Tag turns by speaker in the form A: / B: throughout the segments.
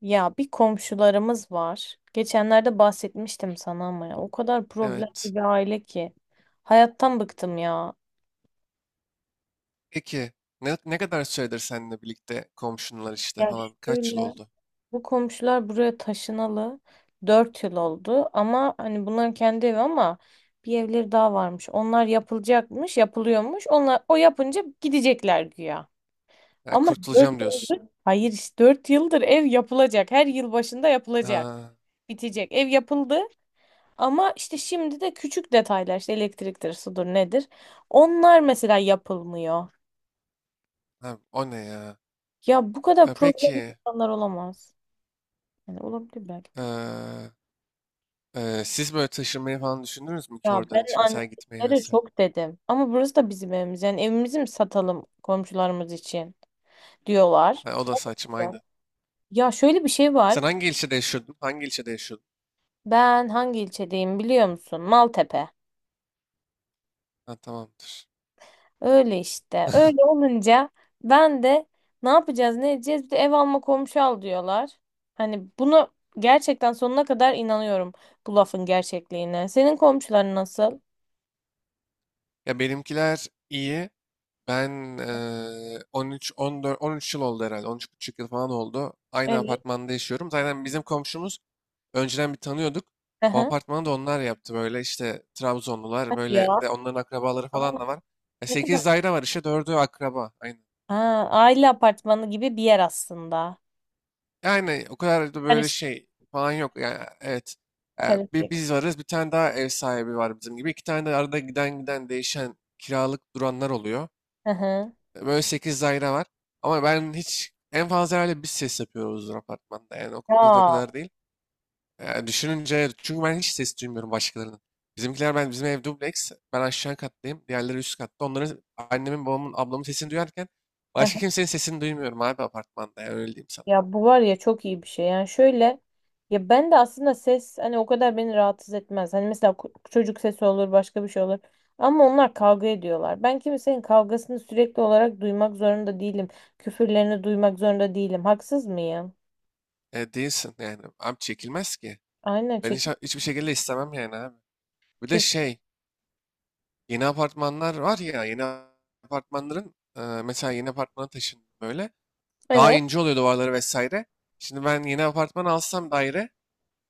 A: Ya bir komşularımız var. Geçenlerde bahsetmiştim sana ama ya o kadar problemli
B: Evet.
A: bir aile ki. Hayattan bıktım ya.
B: Peki ne kadar süredir seninle birlikte komşunlar işte
A: Ya
B: falan kaç yıl
A: şöyle
B: oldu?
A: bu komşular buraya taşınalı 4 yıl oldu ama hani bunların kendi evi, ama bir evleri daha varmış. Onlar yapılacakmış, yapılıyormuş. Onlar o yapınca gidecekler güya.
B: Ya
A: Ama 4
B: kurtulacağım diyorsun.
A: yıldır hayır, işte 4 yıldır ev yapılacak. Her yıl başında yapılacak.
B: Ha,
A: Bitecek. Ev yapıldı. Ama işte şimdi de küçük detaylar, işte elektriktir, sudur nedir? Onlar mesela yapılmıyor.
B: ha, o ne ya?
A: Ya bu kadar problem
B: Peki
A: insanlar olamaz. Yani olabilir belki de.
B: e, siz böyle taşınmayı falan düşündünüz mü ki
A: Ya
B: oradan
A: ben
B: hiç mesela gitmeyi
A: annelere
B: vesaire?
A: çok dedim. Ama burası da bizim evimiz. Yani evimizi mi satalım komşularımız için diyorlar.
B: Ha, o da saçma aynı.
A: Ya şöyle bir şey var.
B: Sen hangi ilçede yaşıyordun? Hangi ilçede yaşıyordun?
A: Ben hangi ilçedeyim biliyor musun? Maltepe.
B: Ha, tamamdır.
A: Öyle işte. Öyle olunca ben de ne yapacağız ne edeceğiz, bir de ev alma komşu al diyorlar. Hani bunu gerçekten sonuna kadar inanıyorum, bu lafın gerçekliğine. Senin komşuların nasıl?
B: Ya benimkiler iyi. Ben 13 14 13 yıl oldu herhalde. 13 buçuk yıl falan oldu. Aynı
A: Evet.
B: apartmanda yaşıyorum. Zaten bizim komşumuz önceden bir tanıyorduk. O
A: Aha.
B: apartmanı da onlar yaptı, böyle işte Trabzonlular,
A: Hadi ya.
B: böyle bir de onların akrabaları
A: Aa,
B: falan da var.
A: ne
B: 8
A: kadar?
B: daire var, işte dördü akraba. Aynen.
A: Ha, aile apartmanı gibi bir yer aslında.
B: Yani o kadar da böyle
A: Karışık.
B: şey falan yok. Yani, evet. E, Bir
A: Karışık.
B: biz varız, bir tane daha ev sahibi var bizim gibi. İki tane de arada giden giden değişen kiralık duranlar oluyor.
A: Hı hı.
B: Böyle 8 daire var. Ama ben hiç, en fazla herhalde biz ses yapıyoruzdur apartmanda. Yani bizde o
A: Ya.
B: kadar değil. Düşününce, çünkü ben hiç ses duymuyorum başkalarının. Bizimkiler, ben bizim ev dubleks. Ben aşağı kattayım. Diğerleri üst katta. Onların, annemin, babamın, ablamın sesini duyarken
A: Hı
B: başka
A: hı.
B: kimsenin sesini duymuyorum abi apartmanda. Yani öyle diyeyim sana.
A: Ya bu var ya, çok iyi bir şey. Yani şöyle, ya ben de aslında ses, hani o kadar beni rahatsız etmez. Hani mesela çocuk sesi olur, başka bir şey olur. Ama onlar kavga ediyorlar. Ben kimsenin kavgasını sürekli olarak duymak zorunda değilim. Küfürlerini duymak zorunda değilim. Haksız mıyım?
B: Değilsin yani. Abi çekilmez ki.
A: Aynen
B: Ben hiç,
A: çekin.
B: hiçbir şekilde istemem yani abi. Bir de
A: Kes.
B: şey, yeni apartmanlar var ya, yeni apartmanların mesela yeni apartmana taşındım böyle. Daha
A: Evet.
B: ince oluyor duvarları vesaire. Şimdi ben yeni apartman alsam, daire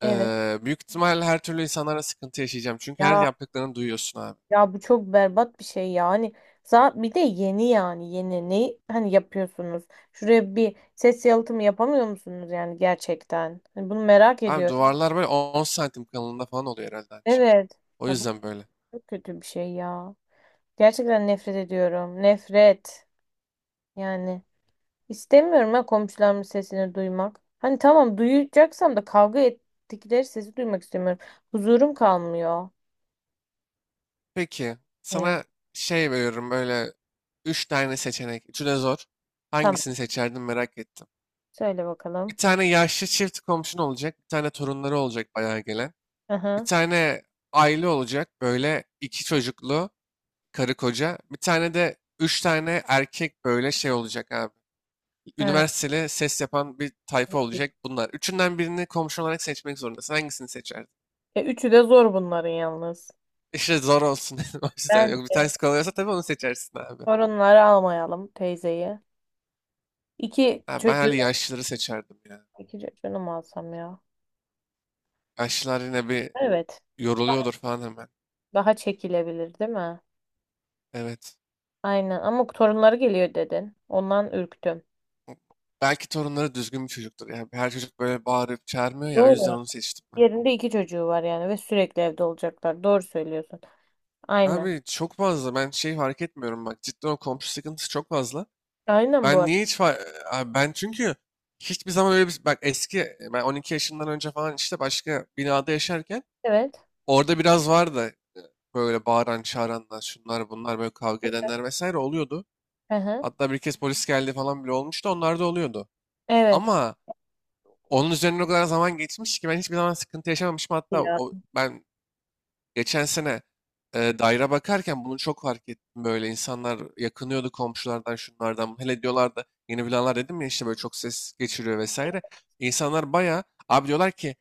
A: Evet.
B: büyük ihtimalle her türlü insanlara sıkıntı yaşayacağım. Çünkü her
A: Ya
B: yaptıklarını duyuyorsun abi.
A: ya bu çok berbat bir şey ya. Hani bir de yeni, yani yeni ne hani yapıyorsunuz? Şuraya bir ses yalıtımı yapamıyor musunuz yani gerçekten? Hani bunu merak
B: Abi
A: ediyorum.
B: duvarlar böyle 10 santim kalınlığında falan oluyor herhalde aynı şey.
A: Evet.
B: O
A: Ya bu
B: yüzden böyle.
A: çok kötü bir şey ya. Gerçekten nefret ediyorum. Nefret. Yani istemiyorum ha komşularımın sesini duymak. Hani tamam duyacaksam da kavga ettikleri sesi duymak istemiyorum. Huzurum kalmıyor.
B: Peki
A: Ya,
B: sana şey veriyorum, böyle 3 tane seçenek. Üçü de zor.
A: tamam.
B: Hangisini seçerdin merak ettim.
A: Söyle
B: Bir
A: bakalım.
B: tane yaşlı çift komşun olacak. Bir tane torunları olacak bayağı gelen. Bir
A: Aha.
B: tane aile olacak, böyle iki çocuklu, karı koca. Bir tane de üç tane erkek böyle şey olacak abi.
A: Ha,
B: Üniversiteli ses yapan bir tayfa
A: peki.
B: olacak bunlar. Üçünden birini komşu olarak seçmek zorundasın. Hangisini seçerdin?
A: Üçü de zor bunların yalnız.
B: İşte zor olsun dedim. O yüzden,
A: Bence
B: yok bir tanesi kolay tabii onu seçersin abi.
A: sorunları almayalım, teyzeyi. İki
B: Ha, ben
A: çocuğu,
B: hani yaşlıları seçerdim ya.
A: iki çocuğunu mu alsam ya?
B: Yaşlılar yine bir
A: Evet.
B: yoruluyordur falan hemen.
A: Daha çekilebilir değil mi?
B: Evet.
A: Aynen, ama torunları geliyor dedin. Ondan ürktüm.
B: Belki torunları düzgün bir çocuktur. Yani her çocuk böyle bağırıp çağırmıyor ya, o
A: Doğru.
B: yüzden onu seçtim ben.
A: Yerinde iki çocuğu var yani ve sürekli evde olacaklar. Doğru söylüyorsun. Aynen.
B: Abi çok fazla ben şey fark etmiyorum, bak cidden o komşu sıkıntısı çok fazla.
A: Aynen bu
B: Ben
A: arada.
B: niye hiç abi, ben çünkü hiçbir zaman öyle, bir bak, eski, ben 12 yaşından önce falan işte başka binada yaşarken
A: Evet.
B: orada biraz vardı böyle bağıran çağıranlar, şunlar bunlar, böyle kavga edenler vesaire oluyordu.
A: Hı hı.
B: Hatta bir kez polis geldi falan bile olmuştu, onlar da oluyordu.
A: Evet.
B: Ama onun üzerine o kadar zaman geçmiş ki ben hiçbir zaman sıkıntı yaşamamışım, hatta
A: Ya.
B: o, ben geçen sene daire bakarken bunu çok fark ettim. Böyle insanlar yakınıyordu komşulardan, şunlardan. Hele diyorlardı yeni binalar, dedim ya işte böyle çok ses geçiriyor vesaire. İnsanlar baya abi diyorlar ki,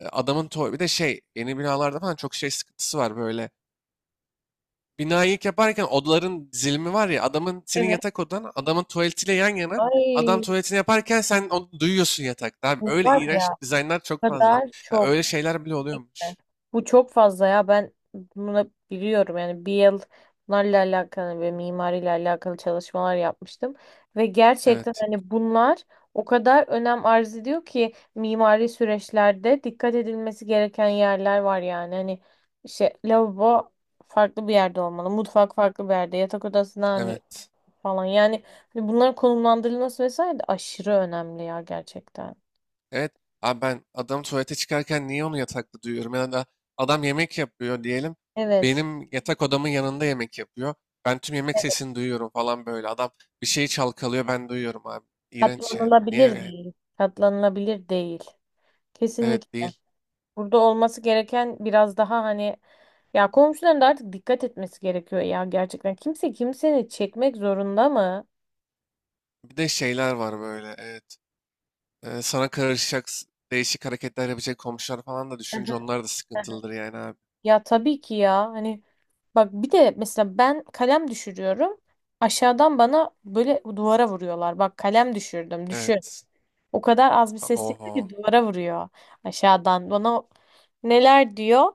B: bir de şey yeni binalarda falan çok şey sıkıntısı var böyle. Binayı ilk yaparken odaların dizilimi var ya, adamın, senin
A: Evet.
B: yatak odan adamın tuvaletiyle yan yana, adam
A: Ay,
B: tuvaletini yaparken sen onu duyuyorsun yatakta. Abi
A: bu
B: öyle
A: var
B: iğrenç
A: ya,
B: dizaynlar çok
A: o
B: fazla.
A: kadar
B: Ya
A: çok.
B: öyle şeyler bile
A: Kesinlikle.
B: oluyormuş.
A: Bu çok fazla ya, ben bunu biliyorum. Yani bir yıl bunlarla alakalı ve mimariyle alakalı çalışmalar yapmıştım ve gerçekten
B: Evet.
A: hani bunlar o kadar önem arz ediyor ki, mimari süreçlerde dikkat edilmesi gereken yerler var yani. Hani işte lavabo farklı bir yerde olmalı, mutfak farklı bir yerde, yatak odasına hani
B: Evet.
A: falan yani. Hani bunların konumlandırılması vesaire de aşırı önemli ya gerçekten.
B: Evet. Abi ben adam tuvalete çıkarken niye onu yatakta duyuyorum? Ya da adam yemek yapıyor diyelim.
A: Evet.
B: Benim yatak odamın yanında yemek yapıyor. Ben tüm yemek sesini duyuyorum falan böyle. Adam bir şeyi çalkalıyor, ben duyuyorum abi. İğrenç yani. Niye
A: Katlanılabilir
B: yani?
A: değil. Katlanılabilir değil.
B: Evet,
A: Kesinlikle.
B: değil.
A: Burada olması gereken biraz daha hani, ya komşuların da artık dikkat etmesi gerekiyor ya gerçekten. Kimse kimseni çekmek zorunda mı?
B: Bir de şeyler var böyle, evet. Sana karışacak değişik hareketler yapacak komşular falan da düşünce onlar da sıkıntılıdır yani abi.
A: Ya tabii ki ya hani, bak bir de mesela ben kalem düşürüyorum. Aşağıdan bana böyle duvara vuruyorlar. Bak kalem düşürdüm. Düşün.
B: Evet.
A: O kadar az bir ses çıktı ki
B: Oho.
A: duvara vuruyor aşağıdan. Bana neler diyor?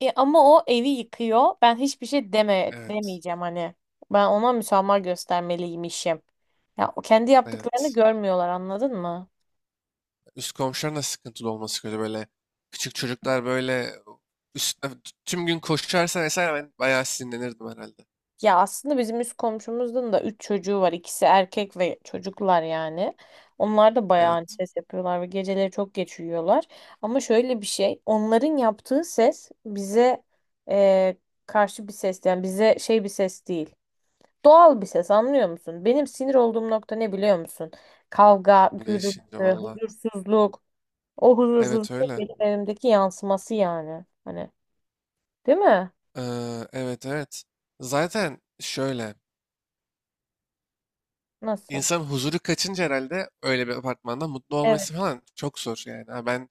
A: Ama o evi yıkıyor. Ben hiçbir şey deme,
B: Evet.
A: demeyeceğim hani. Ben ona müsamaha göstermeliymişim. Ya o kendi yaptıklarını
B: Evet.
A: görmüyorlar, anladın mı?
B: Üst komşuların da sıkıntılı olması kötü böyle. Küçük çocuklar böyle üstüne tüm gün koşarsa vesaire ben bayağı sinirlenirdim herhalde.
A: Ya aslında bizim üst komşumuzun da üç çocuğu var. İkisi erkek ve çocuklar yani. Onlar da bayağı hani
B: Evet,
A: ses yapıyorlar ve geceleri çok geç uyuyorlar. Ama şöyle bir şey, onların yaptığı ses bize e, karşı bir ses, yani bize şey bir ses değil. Doğal bir ses, anlıyor musun? Benim sinir olduğum nokta ne biliyor musun? Kavga,
B: değişince
A: gürültü,
B: valla.
A: huzursuzluk. O
B: Evet,
A: huzursuzluk
B: öyle.
A: benim evimdeki yansıması yani. Hani, değil mi?
B: Evet, evet. Zaten şöyle,
A: Nasıl?
B: insan huzuru kaçınca herhalde öyle bir apartmanda mutlu
A: Evet.
B: olması falan çok zor yani. Ha, ben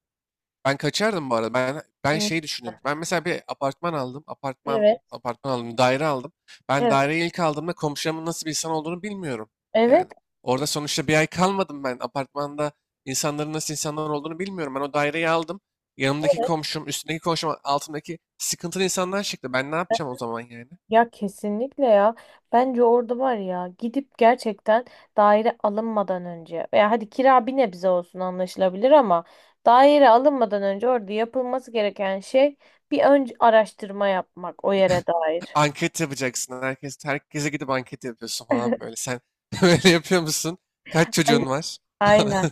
B: Ben kaçardım bu arada. Ben
A: Evet.
B: şey düşünüyorum. Ben mesela bir apartman aldım. Apartman
A: Evet.
B: apartman aldım. Daire aldım. Ben
A: Evet.
B: daireyi ilk aldığımda komşumun nasıl bir insan olduğunu bilmiyorum. Yani orada sonuçta bir ay kalmadım ben. Apartmanda insanların nasıl insanlar olduğunu bilmiyorum. Ben o daireyi aldım. Yanımdaki
A: Evet.
B: komşum, üstündeki komşum, altındaki sıkıntılı insanlar çıktı. Ben ne yapacağım o zaman yani?
A: Ya kesinlikle ya. Bence orada var ya, gidip gerçekten daire alınmadan önce, veya hadi kira bir nebze olsun anlaşılabilir ama daire alınmadan önce orada yapılması gereken şey bir önce araştırma yapmak o yere dair.
B: Anket yapacaksın. Herkese gidip anket yapıyorsun falan böyle. Sen böyle yapıyor musun? Kaç
A: Ay-
B: çocuğun var?
A: Aynen.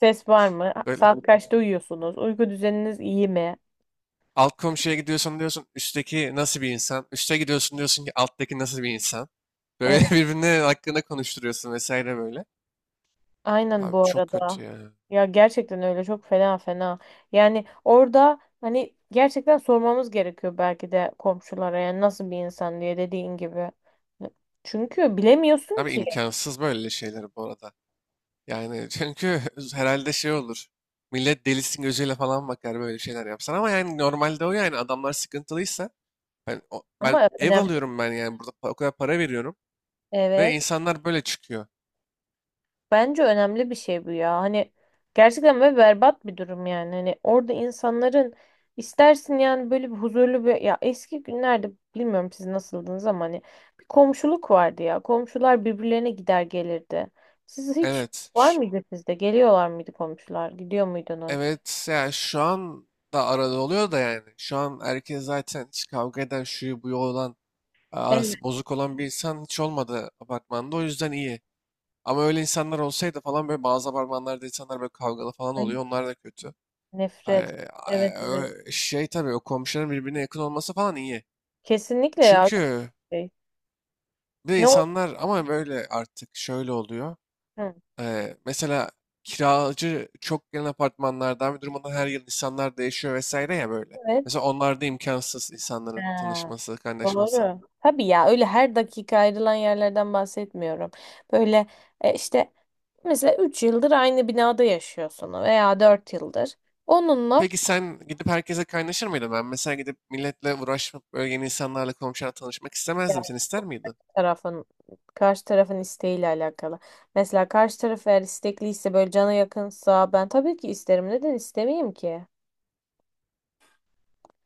A: Ses var mı?
B: Böyle.
A: Saat kaçta uyuyorsunuz? Uyku düzeniniz iyi mi?
B: Alt komşuya gidiyorsun, diyorsun üstteki nasıl bir insan? Üste gidiyorsun, diyorsun ki alttaki nasıl bir insan? Böyle
A: Evet.
B: birbirine hakkında konuşturuyorsun vesaire böyle.
A: Aynen
B: Abi
A: bu
B: çok
A: arada.
B: kötü ya.
A: Ya gerçekten öyle, çok fena fena. Yani orada hani gerçekten sormamız gerekiyor belki de komşulara, yani nasıl bir insan diye dediğin gibi. Çünkü bilemiyorsun
B: Abi
A: ki
B: imkansız böyle şeyler bu arada. Yani çünkü herhalde şey olur. Millet delisin gözüyle falan bakar böyle şeyler yapsan, ama yani normalde o, yani adamlar sıkıntılıysa, ben
A: ama
B: ev
A: önemli.
B: alıyorum, ben yani burada o kadar para veriyorum ve
A: Evet.
B: insanlar böyle çıkıyor.
A: Bence önemli bir şey bu ya. Hani gerçekten ve berbat bir durum yani. Hani orada insanların istersin yani böyle bir huzurlu bir, ya eski günlerde bilmiyorum siz nasıldınız ama hani bir komşuluk vardı ya. Komşular birbirlerine gider gelirdi. Siz hiç
B: Evet.
A: var
B: ş-
A: mıydı sizde? Geliyorlar mıydı komşular? Gidiyor muydunuz?
B: evet yani şu an da arada oluyor da yani. Şu an herkes zaten, hiç kavga eden, şuyu buyu olan,
A: Evet.
B: arası bozuk olan bir insan hiç olmadı apartmanda, o yüzden iyi. Ama öyle insanlar olsaydı falan, böyle bazı apartmanlarda insanlar böyle kavgalı falan
A: Ay,
B: oluyor. Onlar da kötü.
A: nefret. Evet, evet.
B: Şey, tabii o komşuların birbirine yakın olması falan iyi.
A: Kesinlikle ya.
B: Çünkü
A: Şey.
B: bir de
A: Ne oldu?
B: insanlar ama böyle artık şöyle oluyor.
A: Hı,
B: Mesela kiracı çok gelen apartmanlardan bir durumda her yıl insanlar değişiyor vesaire ya, böyle.
A: evet.
B: Mesela onlarda imkansız insanların
A: Ha.
B: tanışması, kaynaşması.
A: Doğru. Tabii ya, öyle her dakika ayrılan yerlerden bahsetmiyorum. Böyle işte mesela 3 yıldır aynı binada yaşıyorsun veya 4 yıldır. Onunla
B: Peki sen gidip herkese kaynaşır mıydın? Ben mesela gidip milletle uğraşıp böyle yeni insanlarla, komşularla tanışmak istemezdim.
A: yani
B: Sen ister miydin?
A: tarafın, karşı tarafın isteğiyle alakalı. Mesela karşı taraf eğer istekliyse, böyle cana yakınsa, ben tabii ki isterim. Neden istemeyeyim ki?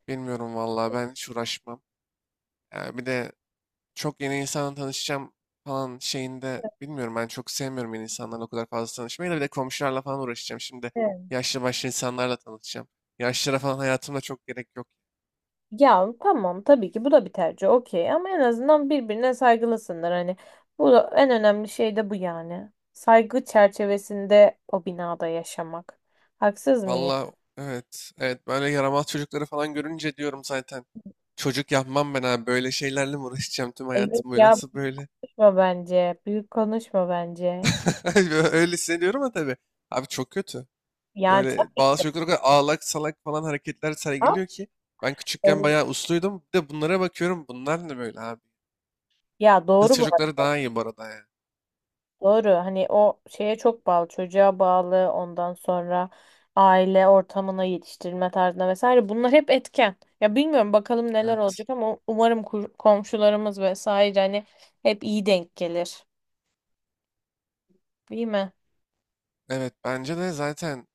B: Bilmiyorum vallahi, ben hiç uğraşmam. Yani bir de çok yeni insanla tanışacağım falan şeyinde, bilmiyorum, ben çok sevmiyorum yeni insanlarla o kadar fazla tanışmayı, da bir de komşularla falan uğraşacağım. Şimdi yaşlı başlı insanlarla tanışacağım. Yaşlılara falan hayatımda çok gerek yok.
A: Ya tamam, tabii ki bu da bir tercih, okey, ama en azından birbirine saygılısınlar hani, en önemli şey de bu yani, saygı çerçevesinde o binada yaşamak, haksız mıyım?
B: Valla evet, evet, böyle yaramaz çocukları falan görünce diyorum zaten. Çocuk yapmam ben abi, böyle şeylerle mi uğraşacağım tüm
A: Ay, yok
B: hayatım boyu,
A: ya,
B: nasıl böyle?
A: boşma bence, büyük konuşma bence
B: Öyle hissediyorum ama tabii. Abi çok kötü.
A: yani
B: Böyle bazı çocuklar o kadar ağlak salak falan hareketler
A: tamam.
B: sergiliyor ki. Ben küçükken
A: ev-
B: bayağı usluydum. Bir de bunlara bakıyorum. Bunlar ne böyle abi?
A: Ya
B: Kız
A: doğru bu.
B: çocukları daha iyi bu arada ya.
A: Doğru. Hani o şeye çok bağlı, çocuğa bağlı, ondan sonra aile ortamına, yetiştirme tarzına vesaire. Bunlar hep etken. Ya bilmiyorum bakalım neler
B: Evet.
A: olacak ama umarım komşularımız vesaire hani hep iyi denk gelir. Değil mi?
B: Evet, bence de zaten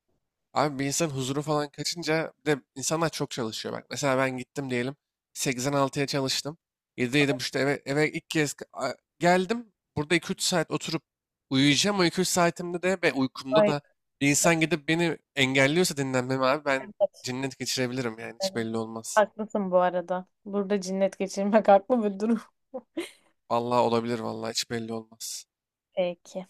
B: abi, bir insan huzuru falan kaçınca, bir de insanlar çok çalışıyor bak. Mesela ben gittim diyelim 86'ya çalıştım. 7'de, 7.30'da eve ilk kez geldim. Burada 2-3 saat oturup uyuyacağım. O 2-3 saatimde de, ve uykumda da
A: Aynen.
B: bir insan gidip beni engelliyorsa dinlenmemi, abi ben
A: Evet.
B: cinnet geçirebilirim yani, hiç
A: Evet.
B: belli olmaz.
A: Haklısın bu arada. Burada cinnet geçirmek haklı bir durum.
B: Vallahi olabilir vallahi, hiç belli olmaz.
A: Peki.